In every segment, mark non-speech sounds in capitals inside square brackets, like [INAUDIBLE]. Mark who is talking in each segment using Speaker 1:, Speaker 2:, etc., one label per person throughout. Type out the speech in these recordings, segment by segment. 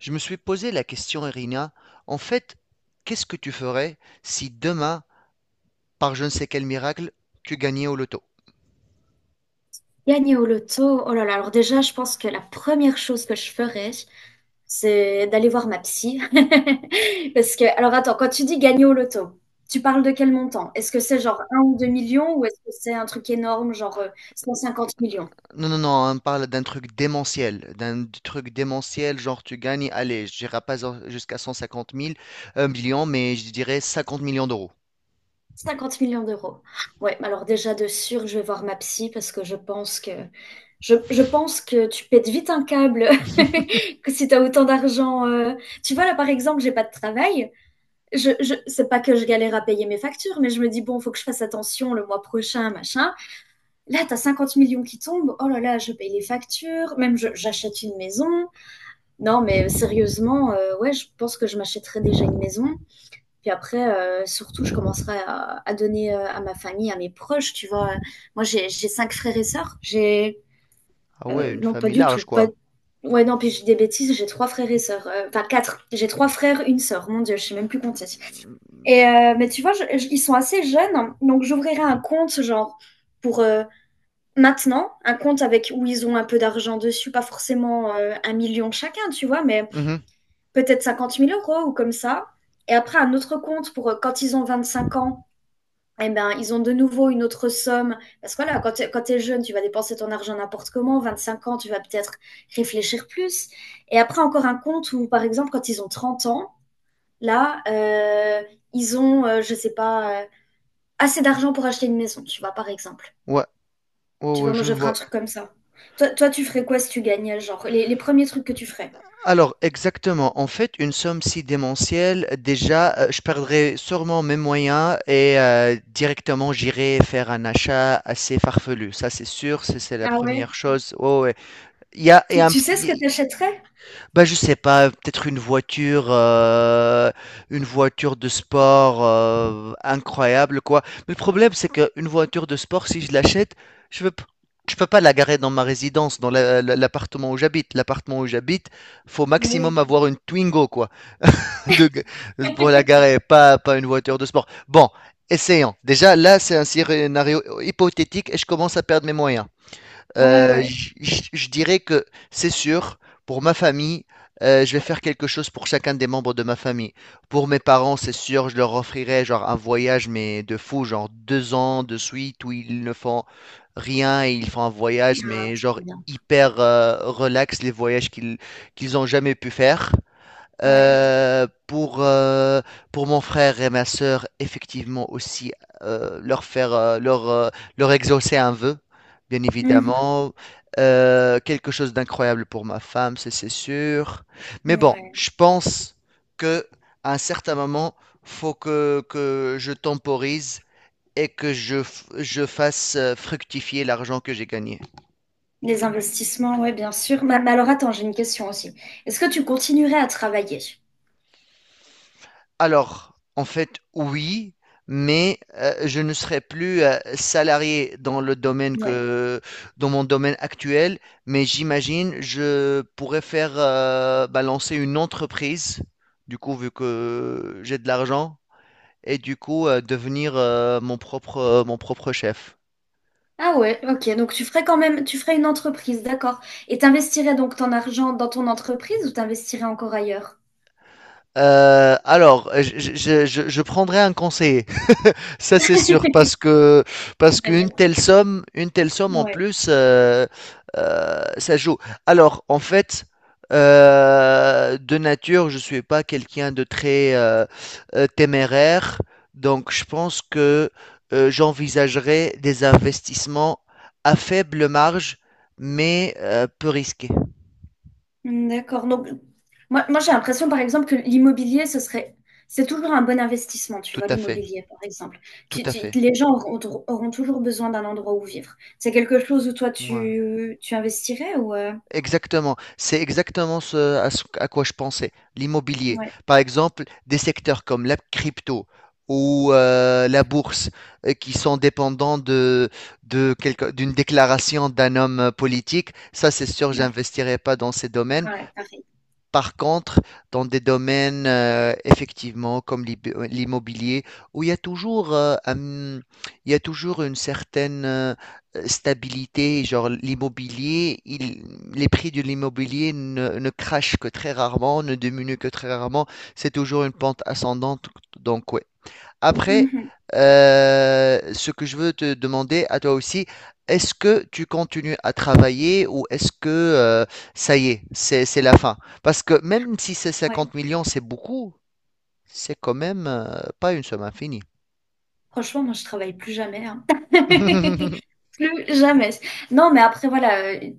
Speaker 1: Je me suis posé la question, Irina, en fait, qu'est-ce que tu ferais si demain, par je ne sais quel miracle, tu gagnais au loto?
Speaker 2: Gagner au loto, oh là là, alors déjà, je pense que la première chose que je ferais, c'est d'aller voir ma psy. [LAUGHS] Parce que, alors attends, quand tu dis gagner au loto, tu parles de quel montant? Est-ce que c'est genre un ou 2 millions ou est-ce que c'est un truc énorme, genre 150 millions?
Speaker 1: Non, non, non, on parle d'un truc démentiel, genre tu gagnes, allez, je dirais pas jusqu'à 150 000, 1 million, mais je dirais 50 millions d'euros.
Speaker 2: 50 millions d'euros. Ouais, alors déjà de sûr, je vais voir ma psy parce que je pense que je pense que tu pètes vite un câble [LAUGHS] que si tu as autant d'argent. Tu vois, là par exemple, j'ai pas de travail. Je C'est pas que je galère à payer mes factures, mais je me dis bon, faut que je fasse attention le mois prochain, machin. Là, t'as 50 millions qui tombent. Oh là là, je paye les factures. Même j'achète une maison. Non, mais sérieusement, ouais, je pense que je m'achèterais déjà une maison. Puis après, surtout, je commencerai à donner à ma famille, à mes proches. Tu vois, moi, j'ai cinq frères et sœurs. J'ai
Speaker 1: Ah ouais, une
Speaker 2: Non, pas
Speaker 1: famille
Speaker 2: du tout,
Speaker 1: large,
Speaker 2: pas.
Speaker 1: quoi.
Speaker 2: Ouais, non, puis j'ai des bêtises, j'ai trois frères et sœurs. Enfin, quatre. J'ai trois frères, une sœur. Mon Dieu, je sais même plus compter. Et mais tu vois, ils sont assez jeunes, hein. Donc j'ouvrirai un compte genre pour maintenant, un compte avec où ils ont un peu d'argent dessus, pas forcément 1 million chacun, tu vois, mais
Speaker 1: Mhm.
Speaker 2: peut-être 50 000 € ou comme ça. Et après un autre compte pour quand ils ont 25 ans, eh ben ils ont de nouveau une autre somme parce que voilà, quand t'es jeune, tu vas dépenser ton argent n'importe comment. 25 ans, tu vas peut-être réfléchir plus. Et après encore un compte où par exemple quand ils ont 30 ans, là ils ont, je sais pas, assez d'argent pour acheter une maison, tu vois, par exemple.
Speaker 1: Ouais, ouais,
Speaker 2: Tu
Speaker 1: ouais,
Speaker 2: vois, moi,
Speaker 1: je
Speaker 2: je ferais un
Speaker 1: vois.
Speaker 2: truc comme ça. Toi, tu ferais quoi si tu gagnais, genre, les premiers trucs que tu ferais?
Speaker 1: Alors, exactement. En fait, une somme si démentielle, déjà, je perdrais sûrement mes moyens et directement j'irai faire un achat assez farfelu. Ça, c'est sûr, c'est la
Speaker 2: Ah ouais?
Speaker 1: première chose. Ouais, ouais. Il y a, il y
Speaker 2: Tu,
Speaker 1: a
Speaker 2: tu sais ce que t'achèterais?
Speaker 1: bah, je sais pas, peut-être une voiture de sport, incroyable quoi. Mais le problème, c'est qu'une voiture de sport, si je l'achète, je veux p je peux pas la garer dans ma résidence, dans la l'appartement où j'habite. L'appartement où j'habite, faut
Speaker 2: Mais oui.
Speaker 1: maximum avoir une Twingo quoi, [LAUGHS] de pour la garer, pas une voiture de sport. Bon, essayons. Déjà là, c'est un scénario hypothétique et je commence à perdre mes moyens.
Speaker 2: Ouais,
Speaker 1: Euh,
Speaker 2: ouais.
Speaker 1: j- j- je dirais que c'est sûr, pour ma famille, je vais faire quelque chose pour chacun des membres de ma famille. Pour mes parents, c'est sûr, je leur offrirai genre un voyage, mais de fou, genre deux ans de suite où ils ne font rien et ils font un voyage,
Speaker 2: Ah,
Speaker 1: mais
Speaker 2: c'est
Speaker 1: genre
Speaker 2: bien.
Speaker 1: hyper relax, les voyages qu'ils ont jamais pu faire.
Speaker 2: Ouais.
Speaker 1: Euh, pour, euh, pour mon frère et ma sœur, effectivement aussi, euh, leur faire, euh, leur, euh, leur exaucer un vœu, bien
Speaker 2: Mhm.
Speaker 1: évidemment. Quelque chose d'incroyable pour ma femme, c'est sûr. Mais bon,
Speaker 2: Ouais.
Speaker 1: je pense que à un certain moment, faut que je temporise et que je fasse fructifier l'argent que j'ai gagné.
Speaker 2: Les investissements, ouais, bien sûr. Mais, alors, attends, j'ai une question aussi. Est-ce que tu continuerais à travailler?
Speaker 1: Alors, en fait, oui, mais je ne serai plus salarié
Speaker 2: Ouais.
Speaker 1: dans mon domaine actuel, mais j'imagine je pourrais faire bah, lancer une entreprise, du coup, vu que j'ai de l'argent, et du coup, devenir mon propre chef.
Speaker 2: Ah ouais, ok. Donc, tu ferais quand même, tu ferais une entreprise, d'accord. Et t'investirais donc ton argent dans ton entreprise ou t'investirais encore ailleurs?
Speaker 1: Alors, je prendrai un conseiller. Ça c'est sûr parce que parce
Speaker 2: La
Speaker 1: qu'une
Speaker 2: mienne.
Speaker 1: telle somme, une telle somme en
Speaker 2: Ouais.
Speaker 1: plus, ça joue. Alors en fait, de nature, je suis pas quelqu'un de très téméraire, donc je pense que j'envisagerais des investissements à faible marge, mais peu risqués.
Speaker 2: Hmm, d'accord. Donc, moi j'ai l'impression, par exemple, que l'immobilier, ce serait, c'est toujours un bon investissement, tu
Speaker 1: Tout
Speaker 2: vois,
Speaker 1: à fait,
Speaker 2: l'immobilier, par exemple.
Speaker 1: tout à fait.
Speaker 2: Les gens auront, auront toujours besoin d'un endroit où vivre. C'est quelque chose où toi,
Speaker 1: Ouais.
Speaker 2: tu investirais ou...
Speaker 1: Exactement, c'est exactement ce à quoi je pensais, l'immobilier.
Speaker 2: Ouais,
Speaker 1: Par exemple, des secteurs comme la crypto ou la bourse, qui sont dépendants d'une déclaration d'un homme politique, ça c'est sûr,
Speaker 2: ouais,
Speaker 1: j'investirai pas dans ces domaines.
Speaker 2: ah ouais, pareil.
Speaker 1: Par contre, dans des domaines, effectivement, comme l'immobilier, où il y a toujours, il y a toujours une certaine stabilité. Genre l'immobilier, les prix de l'immobilier ne crachent que très rarement, ne diminuent que très rarement. C'est toujours une pente ascendante. Donc, ouais, après,
Speaker 2: Mhm,
Speaker 1: ce que je veux te demander à toi aussi, est-ce que tu continues à travailler ou est-ce que ça y est, c'est la fin? Parce que même si c'est
Speaker 2: ouais.
Speaker 1: 50 millions, c'est beaucoup, c'est quand même pas une somme infinie.
Speaker 2: Franchement, moi, je travaille plus jamais, hein. [LAUGHS]
Speaker 1: [LAUGHS]
Speaker 2: Plus jamais. Non, mais après, voilà,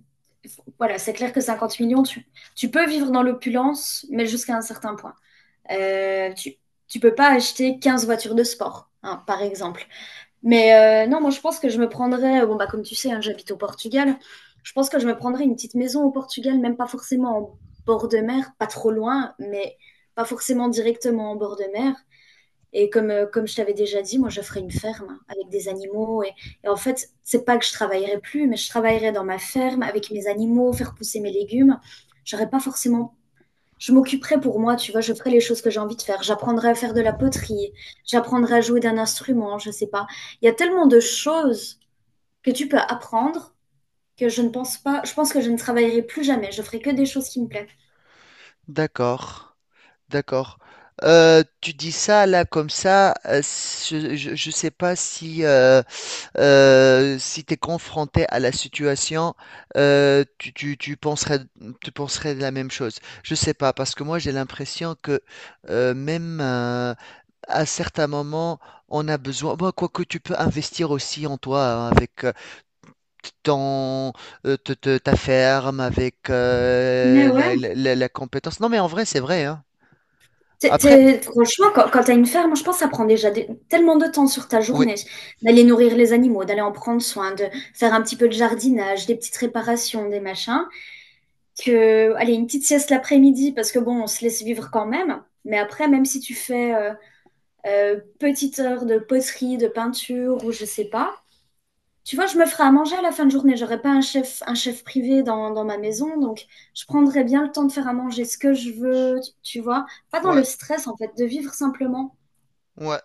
Speaker 2: voilà, c'est clair que 50 millions, tu peux vivre dans l'opulence, mais jusqu'à un certain point. Euh, tu, tu peux pas acheter 15 voitures de sport, hein, par exemple. Mais non, moi je pense que je me prendrais, bon bah comme tu sais, hein, j'habite au Portugal, je pense que je me prendrais une petite maison au Portugal, même pas forcément en bord de mer, pas trop loin, mais pas forcément directement en bord de mer. Et comme je t'avais déjà dit, moi je ferais une ferme hein, avec des animaux. Et en fait, c'est pas que je travaillerai plus, mais je travaillerai dans ma ferme avec mes animaux, faire pousser mes légumes. J'aurais pas forcément. Je m'occuperai pour moi, tu vois, je ferai les choses que j'ai envie de faire. J'apprendrai à faire de la poterie, j'apprendrai à jouer d'un instrument, je sais pas. Il y a tellement de choses que tu peux apprendre que je ne pense pas, je pense que je ne travaillerai plus jamais. Je ferai que des choses qui me plaisent.
Speaker 1: D'accord, d'accord. Tu dis ça là comme ça. Je sais pas si tu es confronté à la situation, tu penserais, tu penserais la même chose. Je sais pas, parce que moi j'ai l'impression que même à certains moments, on a besoin. Bon, quoique tu peux investir aussi en toi hein, avec ton, ta ferme, avec
Speaker 2: Mais ouais.
Speaker 1: la compétence. Non, mais en vrai, c'est vrai, hein. Après,
Speaker 2: Franchement, quand tu as une ferme, je pense que ça prend déjà des- tellement de temps sur ta
Speaker 1: oui,
Speaker 2: journée d'aller nourrir les animaux, d'aller en prendre soin, de faire un petit peu de jardinage, des petites réparations, des machins, que, allez, une petite sieste l'après-midi, parce que bon, on se laisse vivre quand même, mais après, même si tu fais... petite heure de poterie, de peinture ou je sais pas. Tu vois, je me ferai à manger à la fin de journée. J'aurai pas un chef, un chef privé dans, ma maison, donc je prendrai bien le temps de faire à manger ce que je veux, tu vois. Pas dans
Speaker 1: ouais,
Speaker 2: le stress, en fait, de vivre simplement.
Speaker 1: ouais,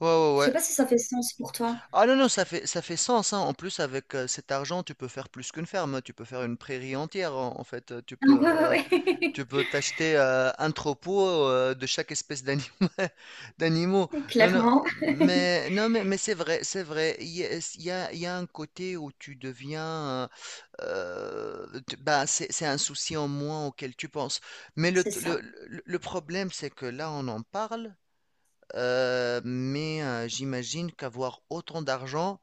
Speaker 1: ouais,
Speaker 2: Je
Speaker 1: ouais,
Speaker 2: sais
Speaker 1: ouais.
Speaker 2: pas si ça fait sens pour toi. [LAUGHS]
Speaker 1: Ah non, non, ça fait sens, hein. En plus, avec cet argent, tu peux faire plus qu'une ferme, tu peux faire une prairie entière, en fait. Euh, Tu
Speaker 2: Ah
Speaker 1: peux, euh,
Speaker 2: ouais, ouais,
Speaker 1: tu peux t'acheter un troupeau de chaque espèce [LAUGHS] d'animaux.
Speaker 2: ouais. [LAUGHS]
Speaker 1: Non, non,
Speaker 2: Clairement,
Speaker 1: mais, non, mais c'est vrai, c'est vrai. Il y a, il y a- il y a un côté où tu deviens, bah, c'est un souci en moins auquel tu penses. Mais le,
Speaker 2: c'est
Speaker 1: le,
Speaker 2: ça,
Speaker 1: le le problème, c'est que là, on en parle. J'imagine qu'avoir autant d'argent,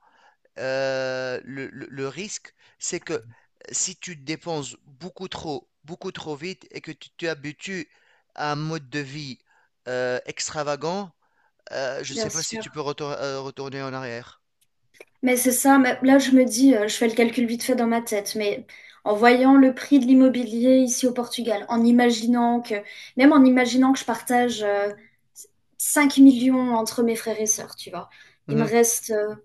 Speaker 1: le risque, c'est que si tu dépenses beaucoup trop vite et que tu t'habitues à un mode de vie extravagant, je ne
Speaker 2: bien
Speaker 1: sais pas si
Speaker 2: sûr.
Speaker 1: tu peux retourner en arrière.
Speaker 2: Mais c'est ça, mais là je me dis, je fais le calcul vite fait dans ma tête, mais en voyant le prix de l'immobilier ici au Portugal, en imaginant que, même en imaginant que je partage 5 millions entre mes frères et sœurs, tu vois, il me
Speaker 1: Mhm,
Speaker 2: reste,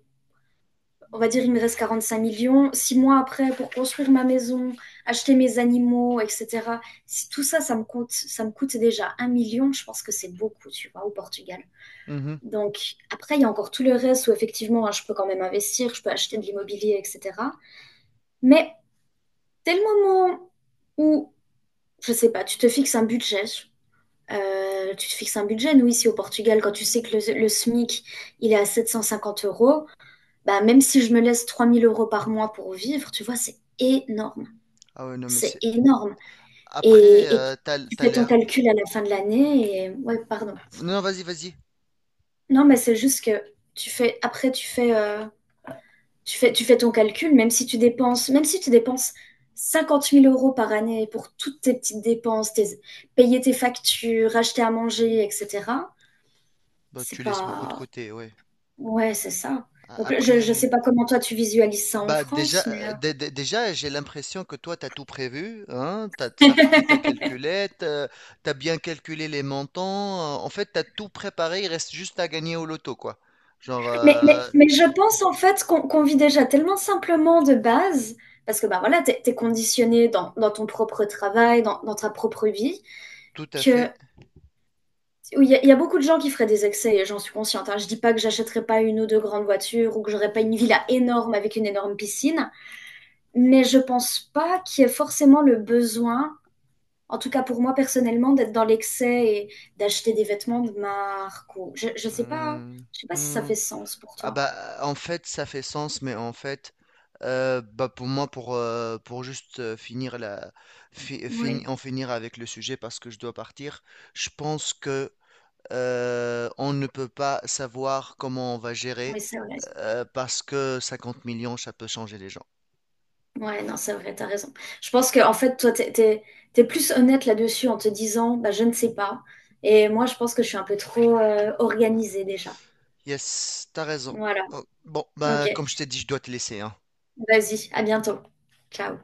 Speaker 2: on va dire, il me reste 45 millions. 6 mois après, pour construire ma maison, acheter mes animaux, etc. Si tout ça, ça me coûte déjà 1 million, je pense que c'est beaucoup, tu vois, au Portugal.
Speaker 1: mhm.
Speaker 2: Donc, après, il y a encore tout le reste où effectivement, hein, je peux quand même investir, je peux acheter de l'immobilier, etc. Mais dès le moment où, je sais pas, tu te fixes un budget, nous ici au Portugal, quand tu sais que le SMIC, il est à 750 euros, bah, même si je me laisse 3 000 € par mois pour vivre, tu vois, c'est énorme.
Speaker 1: Ah ouais, non, mais
Speaker 2: C'est
Speaker 1: c'est.
Speaker 2: énorme.
Speaker 1: Après,
Speaker 2: Et tu
Speaker 1: t'as,
Speaker 2: tu
Speaker 1: t'as
Speaker 2: fais ton
Speaker 1: l'air.
Speaker 2: calcul à la fin de l'année et... Ouais, pardon.
Speaker 1: Non, vas-y, vas-y.
Speaker 2: Non, mais c'est juste que après, tu fais ton calcul, même si tu dépenses, 50 000 € par année pour toutes tes petites dépenses, tes- payer tes factures, acheter à manger, etc.
Speaker 1: Bah,
Speaker 2: C'est
Speaker 1: tu laisses beaucoup de
Speaker 2: pas...
Speaker 1: côté, ouais.
Speaker 2: Ouais, c'est ça. Donc, je ne sais
Speaker 1: Après.
Speaker 2: pas comment toi tu visualises ça en
Speaker 1: Bah déjà,
Speaker 2: France, mais,
Speaker 1: déjà j'ai l'impression que toi, tu as tout prévu, hein, tu as ta calculette, tu as bien calculé les montants, en fait, tu as tout préparé, il reste juste à gagner au loto, quoi. Genre,
Speaker 2: mais je pense en fait qu'on vit déjà tellement simplement de base, parce que bah, voilà, tu es, conditionné dans, dans, ton propre travail, dans ta propre vie,
Speaker 1: tout à
Speaker 2: que
Speaker 1: fait.
Speaker 2: oui, il y a beaucoup de gens qui feraient des excès et j'en suis consciente, hein. Je dis pas que j'achèterais pas une ou deux grandes voitures ou que j'aurais pas une villa énorme avec une énorme piscine, mais je pense pas qu'il y ait forcément le besoin, en tout cas pour moi personnellement, d'être dans l'excès et d'acheter des vêtements de marque ou
Speaker 1: Hum,
Speaker 2: je sais pas si ça
Speaker 1: hum.
Speaker 2: fait sens pour
Speaker 1: Ah
Speaker 2: toi.
Speaker 1: bah, en fait, ça fait sens, mais en fait, bah pour moi, pour juste finir
Speaker 2: Oui,
Speaker 1: en finir avec le sujet, parce que je dois partir, je pense que on ne peut pas savoir comment on va
Speaker 2: oui,
Speaker 1: gérer,
Speaker 2: c'est vrai.
Speaker 1: parce que 50 millions, ça peut changer les gens.
Speaker 2: Ouais, non, c'est vrai, t'as raison. Je pense que en fait, toi, t'es plus honnête là-dessus en te disant, bah, je ne sais pas. Et moi, je pense que je suis un peu trop
Speaker 1: Ouais.
Speaker 2: organisée déjà.
Speaker 1: Yes, t'as raison.
Speaker 2: Voilà.
Speaker 1: Oh, bon,
Speaker 2: Ok,
Speaker 1: bah, comme je t'ai dit, je dois te laisser, hein.
Speaker 2: vas-y, à bientôt. Ciao.